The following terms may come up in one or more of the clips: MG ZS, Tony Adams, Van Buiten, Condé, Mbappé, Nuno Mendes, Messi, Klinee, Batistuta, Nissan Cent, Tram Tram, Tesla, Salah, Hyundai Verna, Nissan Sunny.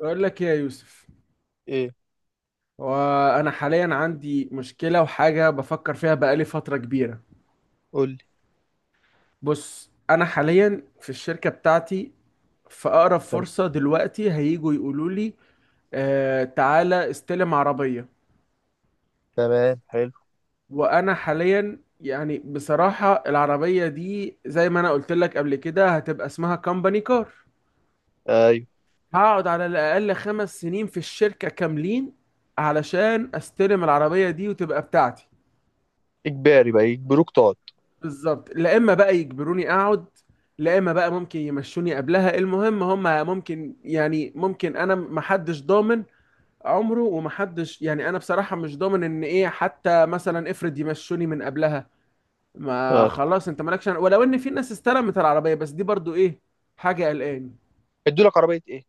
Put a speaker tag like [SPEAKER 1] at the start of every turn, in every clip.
[SPEAKER 1] أقول لك إيه يا يوسف؟
[SPEAKER 2] ايه،
[SPEAKER 1] وأنا حاليا عندي مشكلة وحاجة بفكر فيها بقالي فترة كبيرة.
[SPEAKER 2] قول لي.
[SPEAKER 1] بص، أنا حاليا في الشركة بتاعتي في أقرب
[SPEAKER 2] تم-
[SPEAKER 1] فرصة دلوقتي هيجوا يقولوا لي: آه تعالى استلم عربية.
[SPEAKER 2] تمام، حلو.
[SPEAKER 1] وأنا حاليا يعني بصراحة العربية دي زي ما أنا قلت لك قبل كده هتبقى اسمها كومباني كار.
[SPEAKER 2] ايوه.
[SPEAKER 1] هقعد على الأقل 5 سنين في الشركة كاملين علشان استلم العربية دي وتبقى بتاعتي.
[SPEAKER 2] اجباري بقى يجبروك تقعد؟
[SPEAKER 1] بالظبط، لا اما بقى يجبروني اقعد، لا اما بقى ممكن يمشوني قبلها. المهم هم ممكن يعني ممكن، انا محدش ضامن عمره، ومحدش يعني انا بصراحة مش ضامن ان ايه، حتى مثلا افرض يمشوني من قبلها. ما
[SPEAKER 2] اه، طب،
[SPEAKER 1] خلاص انت مالكش ولو ان في ناس استلمت العربية، بس دي برضو ايه، حاجة قلقاني.
[SPEAKER 2] ادوا لك عربيه ايه؟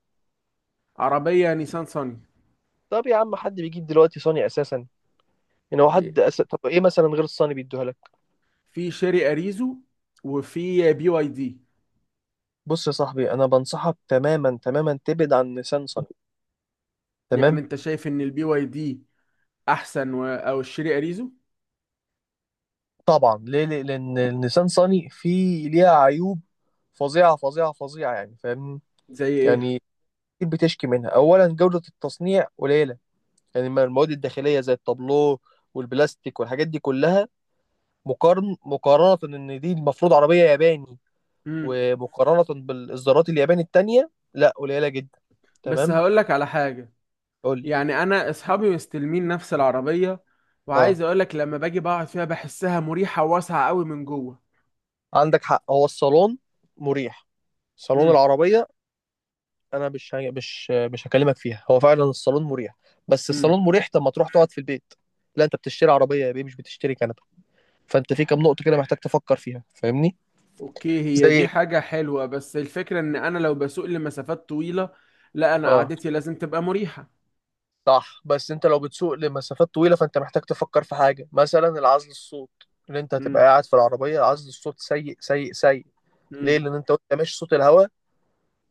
[SPEAKER 1] عربية نيسان صني.
[SPEAKER 2] طب يا عم، حد بيجيب دلوقتي صاني اساسا؟ يعني هو حد طب ايه مثلا غير الصاني بيدوها لك؟
[SPEAKER 1] في شيري اريزو، وفي بي واي دي.
[SPEAKER 2] بص يا صاحبي، انا بنصحك تماما تماما تبعد عن نيسان صني.
[SPEAKER 1] يعني
[SPEAKER 2] تمام.
[SPEAKER 1] انت شايف ان البي واي دي احسن او الشيري اريزو؟
[SPEAKER 2] طبعا، ليه؟ لان النيسان صني فيه ليها عيوب فظيعه فظيعه فظيعه، يعني فاهم؟
[SPEAKER 1] زي ايه؟
[SPEAKER 2] يعني كتير بتشكي منها. اولا، جوده التصنيع قليله، يعني المواد الداخليه زي التابلو والبلاستيك والحاجات دي كلها، مقارنة ان دي المفروض عربية ياباني.
[SPEAKER 1] امم.
[SPEAKER 2] ومقارنة بالاصدارات الياباني التانية، لا، قليلة جدا.
[SPEAKER 1] بس
[SPEAKER 2] تمام،
[SPEAKER 1] هقولك على حاجة.
[SPEAKER 2] قول لي.
[SPEAKER 1] يعني أنا أصحابي مستلمين نفس العربية،
[SPEAKER 2] اه،
[SPEAKER 1] وعايز أقولك لما باجي بقعد فيها بحسها مريحة وواسعة قوي من جوه.
[SPEAKER 2] عندك حق، هو الصالون مريح، صالون
[SPEAKER 1] امم،
[SPEAKER 2] العربية. انا مش ه- مش مش هكلمك فيها، هو فعلا الصالون مريح. بس
[SPEAKER 1] امم.
[SPEAKER 2] الصالون مريح، طب ما تروح تقعد في البيت؟ لا، انت بتشتري عربية يا بيه، مش بتشتري كنبة. فانت في كام نقطة كده محتاج تفكر فيها، فاهمني؟
[SPEAKER 1] أوكي، هي دي
[SPEAKER 2] زي.
[SPEAKER 1] حاجة حلوة، بس الفكرة إن أنا لو بسوق لمسافات طويلة، لا أنا
[SPEAKER 2] اه،
[SPEAKER 1] قعدتي لازم تبقى مريحة.
[SPEAKER 2] صح، بس انت لو بتسوق لمسافات طويلة، فانت محتاج تفكر في حاجة مثلا العزل الصوت. ان انت هتبقى
[SPEAKER 1] امم،
[SPEAKER 2] قاعد في العربية، عزل الصوت سيء سيء سيء. ليه؟
[SPEAKER 1] امم،
[SPEAKER 2] لان انت وانت ماشي، صوت الهواء،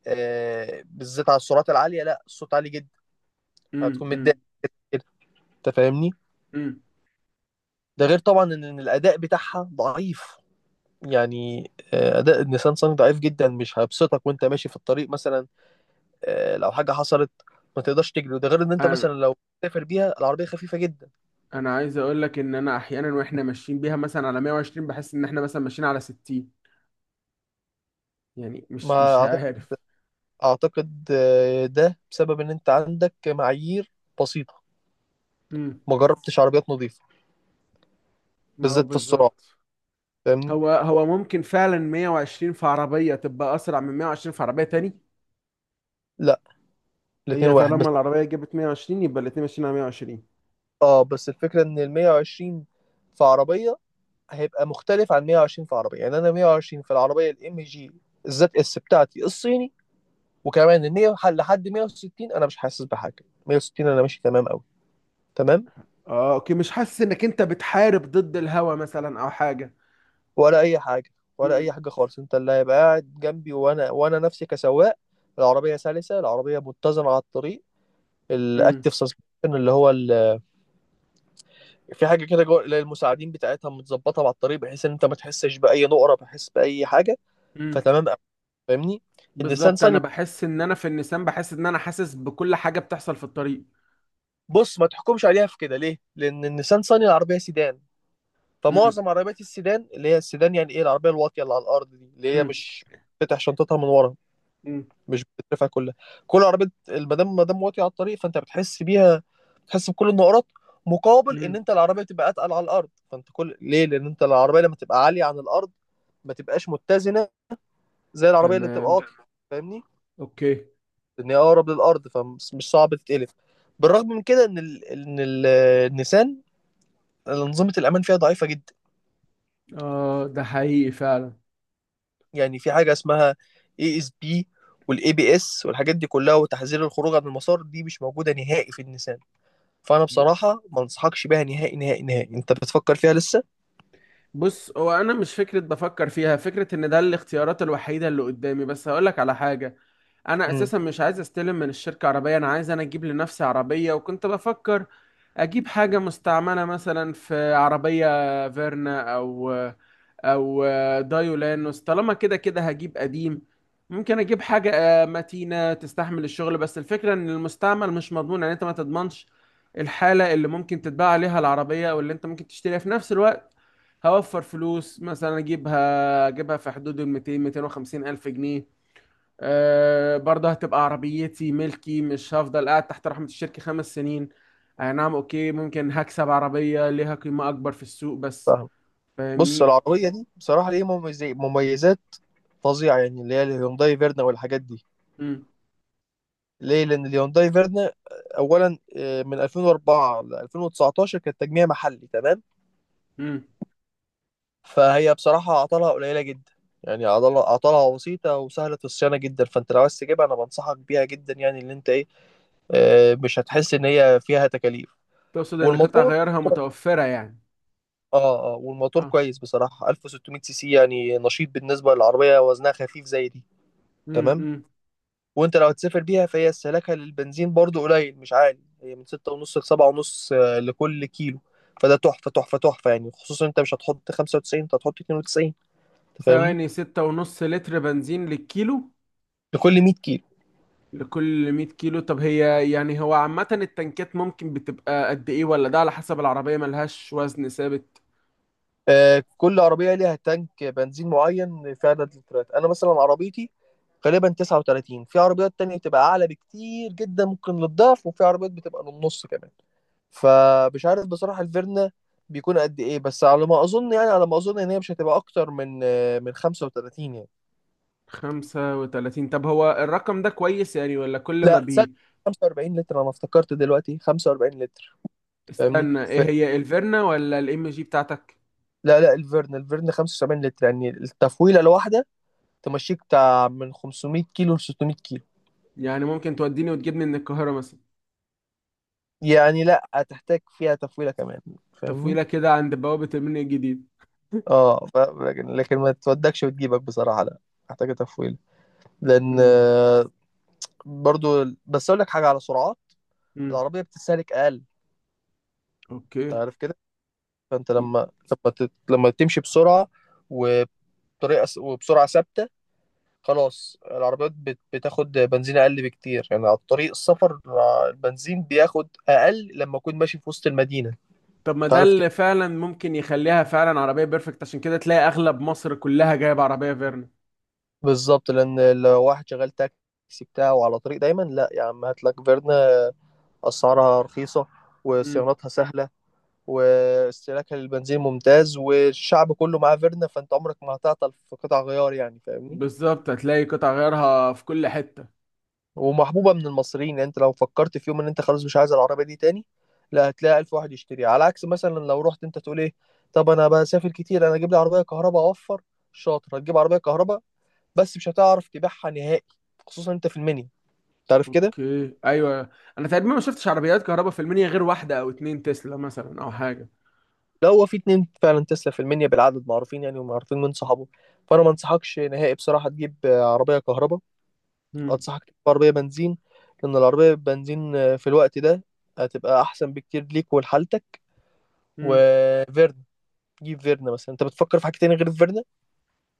[SPEAKER 2] بالذات على السرعات العالية، لا، الصوت عالي جدا.
[SPEAKER 1] امم،
[SPEAKER 2] هتكون متضايق
[SPEAKER 1] امم،
[SPEAKER 2] كده كده. انت فاهمني.
[SPEAKER 1] امم.
[SPEAKER 2] ده غير طبعا إن الاداء بتاعها ضعيف. يعني اداء النيسان صني ضعيف جدا، مش هيبسطك وانت ماشي في الطريق مثلا. لو حاجة حصلت ما تقدرش تجري. وده غير ان انت
[SPEAKER 1] أنا
[SPEAKER 2] مثلا لو تسافر بيها، العربية خفيفة جدا.
[SPEAKER 1] أنا عايز أقولك إن أنا أحيانا وإحنا ماشيين بيها مثلا على 120، بحس إن إحنا مثلا ماشيين على 60. يعني مش
[SPEAKER 2] ما
[SPEAKER 1] مش
[SPEAKER 2] اعتقد.
[SPEAKER 1] عارف.
[SPEAKER 2] اعتقد ده بسبب ان انت عندك معايير بسيطه،
[SPEAKER 1] امم.
[SPEAKER 2] ما جربتش عربيات نظيفه،
[SPEAKER 1] ما هو
[SPEAKER 2] بالذات في السرعه،
[SPEAKER 1] بالظبط.
[SPEAKER 2] فاهمني.
[SPEAKER 1] هو هو ممكن فعلا 120 في عربية تبقى أسرع من 120 في عربية تاني؟
[SPEAKER 2] لا، الاتنين
[SPEAKER 1] هي
[SPEAKER 2] واحد بس.
[SPEAKER 1] طالما العربية جابت 120 يبقى الاتنين ماشيين على 120.
[SPEAKER 2] اه، بس الفكره ان ال 120 في عربيه هيبقى مختلف عن 120 في عربيه، يعني انا 120 في العربيه الام جي الزد اس بتاعتي الصيني، وكمان ال 100 لحد 160، انا مش حاسس بحاجه، 160 انا ماشي تمام قوي. تمام.
[SPEAKER 1] اه، اوكي، مش حاسس انك انت بتحارب ضد الهوا مثلا او حاجة؟
[SPEAKER 2] ولا اي حاجه، ولا اي
[SPEAKER 1] امم،
[SPEAKER 2] حاجه خالص. انت اللي هيبقى قاعد جنبي وانا نفسي كسواق. العربية سلسة، العربية متزنة على الطريق.
[SPEAKER 1] امم،
[SPEAKER 2] الاكتف سسبنشن، اللي هو في حاجه كده جوه اللي هي المساعدين بتاعتها، متظبطه مع الطريق بحيث ان انت ما تحسش باي نقره، بحيث باي حاجه.
[SPEAKER 1] امم.
[SPEAKER 2] فتمام أوي، فاهمني. النيسان
[SPEAKER 1] بالظبط، انا
[SPEAKER 2] صني،
[SPEAKER 1] بحس ان انا في النسيان بحس ان انا حاسس بكل حاجة بتحصل في الطريق.
[SPEAKER 2] بص، ما تحكمش عليها في كده. ليه؟ لان النيسان صني العربيه سيدان،
[SPEAKER 1] امم،
[SPEAKER 2] فمعظم عربيات السيدان، اللي هي السيدان يعني ايه، العربيه الواطيه اللي على الارض دي، اللي هي
[SPEAKER 1] امم،
[SPEAKER 2] مش تفتح شنطتها من ورا،
[SPEAKER 1] امم،
[SPEAKER 2] مش بتترفع كلها. كل عربيه ما دام واطيه على الطريق، فانت بتحس بيها، بتحس بكل النقرات. مقابل ان
[SPEAKER 1] امم.
[SPEAKER 2] انت العربيه تبقى اتقل على الارض، فانت كل، ليه؟ لان انت العربيه لما تبقى عاليه عن الارض ما تبقاش متزنه زي العربيه اللي بتبقى
[SPEAKER 1] تمام.
[SPEAKER 2] واطيه، فاهمني؟
[SPEAKER 1] اوكي.
[SPEAKER 2] لان هي اقرب للارض، فمش صعب تتقلب. بالرغم من كده، النيسان انظمه الامان فيها ضعيفه جدا.
[SPEAKER 1] اه، ده حقيقي فعلا.
[SPEAKER 2] يعني في حاجه اسمها اي اس بي، والاي بي اس، والحاجات دي كلها، وتحذير الخروج عن المسار، دي مش موجوده نهائي في النيسان. فانا بصراحه ما انصحكش بيها نهائي نهائي نهائي. انت بتفكر فيها لسه؟
[SPEAKER 1] بص، هو انا مش فكره بفكر فيها، فكره ان ده الاختيارات الوحيده اللي قدامي، بس هقول لك على حاجه. انا
[SPEAKER 2] امم
[SPEAKER 1] اساسا مش عايز استلم من الشركه عربيه، انا عايز انا اجيب لنفسي عربيه، وكنت بفكر اجيب حاجه مستعمله مثلا، في عربيه فيرنا او دايولانوس، طالما كده كده هجيب قديم. ممكن اجيب حاجه متينه تستحمل الشغل، بس الفكره ان المستعمل مش مضمون، يعني انت ما تضمنش الحاله اللي ممكن تتباع عليها العربيه او اللي انت ممكن تشتريها في نفس الوقت. هوفر فلوس مثلا، اجيبها في حدود ال 200-250 ألف جنيه. أه، برضه هتبقى عربيتي ملكي، مش هفضل قاعد تحت رحمة الشركة 5 سنين. أي نعم، أوكي ممكن هكسب عربية ليها قيمة أكبر في السوق، بس
[SPEAKER 2] فاهم. بص،
[SPEAKER 1] فاهمني.
[SPEAKER 2] العربيه دي بصراحه ليه مميزات مميزات فظيعه يعني، اللي هي الهيونداي فيرنا والحاجات دي. ليه؟ لان الهيونداي فيرنا، اولا من 2004 ل 2019 كانت تجميع محلي، تمام.
[SPEAKER 1] امم.
[SPEAKER 2] فهي بصراحه عطلها قليله جدا، يعني عضلة. عطلها بسيطة وسهلة الصيانة جدا، فانت لو عايز تجيبها انا بنصحك بيها جدا، يعني اللي انت ايه، مش هتحس ان هي فيها تكاليف.
[SPEAKER 1] تقصد ان قطع
[SPEAKER 2] والموتور،
[SPEAKER 1] غيارها متوفرة يعني؟
[SPEAKER 2] اه والموتور
[SPEAKER 1] اه.
[SPEAKER 2] كويس بصراحة، 1600 سي سي، يعني نشيط بالنسبة للعربية، وزنها خفيف زي دي، تمام.
[SPEAKER 1] امم.
[SPEAKER 2] وانت لو هتسافر بيها، فهي استهلاكها للبنزين برضو قليل مش عالي، هي من 6.5 لسبعة ونص لكل كيلو. فده تحفة تحفة تحفة يعني، خصوصا انت مش هتحط 95، انت هتحط 92، انت فاهمني.
[SPEAKER 1] ثواني، 6.5 لتر بنزين للكيلو؟
[SPEAKER 2] لكل 100 كيلو.
[SPEAKER 1] لكل 100 كيلو؟ طب هي يعني هو عامة التنكات ممكن بتبقى قد ايه، ولا ده على حسب العربية ملهاش وزن ثابت؟
[SPEAKER 2] آه، كل عربية ليها تانك بنزين معين في عدد اللترات. انا مثلا عربيتي غالبا 39، في عربيات تانية بتبقى اعلى بكتير جدا ممكن للضعف، وفي عربيات بتبقى للنص كمان. فمش عارف بصراحة الفيرنا بيكون قد ايه، بس على ما اظن، يعني على ما اظن ان هي مش هتبقى اكتر من من 35 يعني.
[SPEAKER 1] 35؟ طب هو الرقم ده كويس يعني، ولا كل ما
[SPEAKER 2] لا، تصدق،
[SPEAKER 1] بي.
[SPEAKER 2] 45 لتر، انا افتكرت دلوقتي 45 لتر. فاهمني
[SPEAKER 1] استنى، ايه هي الفيرنا ولا الام جي بتاعتك؟
[SPEAKER 2] لا لا، الفيرن 75 لتر، يعني التفويله الواحده تمشيك بتاع من 500 كيلو ل 600 كيلو
[SPEAKER 1] يعني ممكن توديني وتجيبني من القاهرة مثلا؟
[SPEAKER 2] يعني. لا، هتحتاج فيها تفويله كمان، فاهمني.
[SPEAKER 1] تفويلة كده عند بوابة المنيا الجديد.
[SPEAKER 2] اه، لكن ما تودكش وتجيبك بصراحه، لا، محتاجه تفويله. لان
[SPEAKER 1] امم،
[SPEAKER 2] برضو بس اقول لك حاجه، على سرعات
[SPEAKER 1] امم.
[SPEAKER 2] العربية بتستهلك أقل. أنت
[SPEAKER 1] اوكي.
[SPEAKER 2] عارف كده. فأنت لما، لما تمشي بسرعة، وبطريقة وبسرعة ثابتة، خلاص العربيات بتاخد بنزين أقل بكتير، يعني على طريق السفر البنزين بياخد أقل لما أكون ماشي في وسط المدينة.
[SPEAKER 1] طب ما
[SPEAKER 2] أنت
[SPEAKER 1] ده
[SPEAKER 2] عارف كده.
[SPEAKER 1] اللي فعلا ممكن يخليها فعلا عربية بيرفكت، عشان كده تلاقي اغلب مصر كلها جايبة عربية فيرنا.
[SPEAKER 2] بالظبط، لأن لو واحد شغال تاكسي بتاعه على طريق دايما، لا يا عم هات لك فيرنا. أسعارها رخيصة،
[SPEAKER 1] امم.
[SPEAKER 2] وصيانتها سهلة، واستهلاكها للبنزين ممتاز، والشعب كله معاه فيرنا، فانت عمرك ما هتعطل في قطع غيار يعني، فاهمني.
[SPEAKER 1] بالظبط، هتلاقي قطع غيارها في كل حتة.
[SPEAKER 2] ومحبوبة من المصريين، يعني انت لو فكرت في يوم ان انت خلاص مش عايز العربية دي تاني، لا، هتلاقي ألف واحد يشتريها. على عكس مثلا لو رحت انت تقول ايه، طب انا بسافر كتير، انا اجيب لي عربية كهرباء اوفر. شاطر، هتجيب عربية كهرباء بس مش هتعرف تبيعها نهائي، خصوصا انت في المنيا، تعرف كده.
[SPEAKER 1] اوكي، ايوه. انا تقريبا ما شفتش عربيات كهرباء في المنيا غير واحدة او اتنين، تسلا مثلا او حاجة.
[SPEAKER 2] لو هو في اتنين فعلا تسلا في المنيا، بالعدد معروفين يعني، ومعروفين من صحابه. فانا ما انصحكش نهائي بصراحة تجيب عربية كهرباء. انصحك تجيب عربية بنزين، لان العربية بنزين في الوقت ده هتبقى احسن بكتير ليك ولحالتك.
[SPEAKER 1] امم.
[SPEAKER 2] وفيرنا، جيب فيرنا مثلا. انت بتفكر في حاجه تاني غير فيرنا؟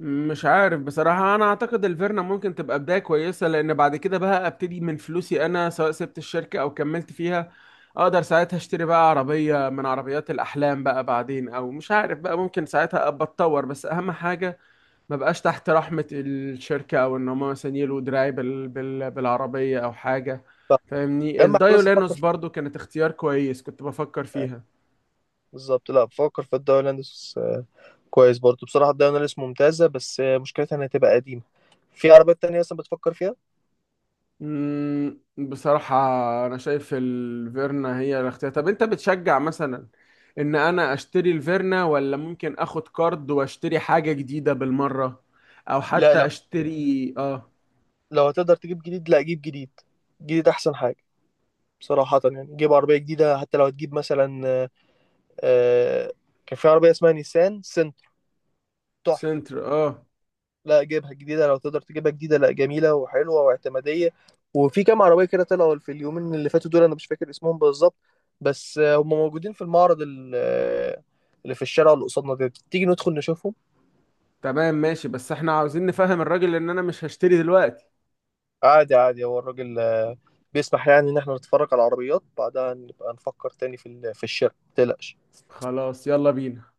[SPEAKER 1] مش عارف بصراحة، أنا أعتقد الفيرنا ممكن تبقى بداية كويسة، لأن بعد كده بقى أبتدي من فلوسي أنا، سواء سبت الشركة أو كملت فيها. أقدر ساعتها أشتري بقى عربية من عربيات الأحلام بقى بعدين، أو مش عارف بقى، ممكن ساعتها أبقى أتطور، بس أهم حاجة ما بقاش تحت رحمة الشركة، أو إن هما مثلا يلوا دراعي بالعربية أو حاجة.
[SPEAKER 2] لا،
[SPEAKER 1] فاهمني؟
[SPEAKER 2] يا اما حاجه بس تفكر
[SPEAKER 1] الدايولانوس
[SPEAKER 2] في
[SPEAKER 1] برضو كانت اختيار كويس، كنت بفكر
[SPEAKER 2] آه،
[SPEAKER 1] فيها.
[SPEAKER 2] بالظبط. لا، بفكر في الدوري الهولندي آه، كويس برضه بصراحه، الدوري الهولندي ممتازه، بس مشكلتها انها تبقى قديمه. في عربيات تانية اصلا بتفكر فيها؟
[SPEAKER 1] بصراحة، أنا شايف الفيرنا هي الاختيار. طب أنت بتشجع مثلا إن أنا أشتري الفيرنا، ولا ممكن آخد كارد وأشتري حاجة جديدة بالمرة، أو
[SPEAKER 2] لا
[SPEAKER 1] حتى
[SPEAKER 2] لا،
[SPEAKER 1] أشتري
[SPEAKER 2] لو هتقدر تجيب جديد، لا جيب جديد، جديد احسن حاجه بصراحه. يعني جيب عربيه جديده، حتى لو هتجيب مثلا، آه، كان في عربيه اسمها نيسان سنت، تحفه.
[SPEAKER 1] سنتر؟ آه.
[SPEAKER 2] لا، جيبها جديدة، لو تقدر تجيبها جديدة، لا، جميلة وحلوة واعتمادية. وفي كام عربية كده طلعوا في اليومين اللي فاتوا دول، أنا مش فاكر اسمهم بالظبط، بس هم موجودين في المعرض اللي في الشارع اللي قصادنا ده، تيجي ندخل نشوفهم.
[SPEAKER 1] تمام، ماشي، بس إحنا عاوزين نفهم الراجل إن أنا مش هشتري دلوقتي.
[SPEAKER 2] عادي عادي، هو الراجل بيسمح، يعني إن احنا نتفرج على العربيات، بعدها نبقى نفكر تاني في في الشراء، متقلقش.
[SPEAKER 1] خلاص يلا بينا.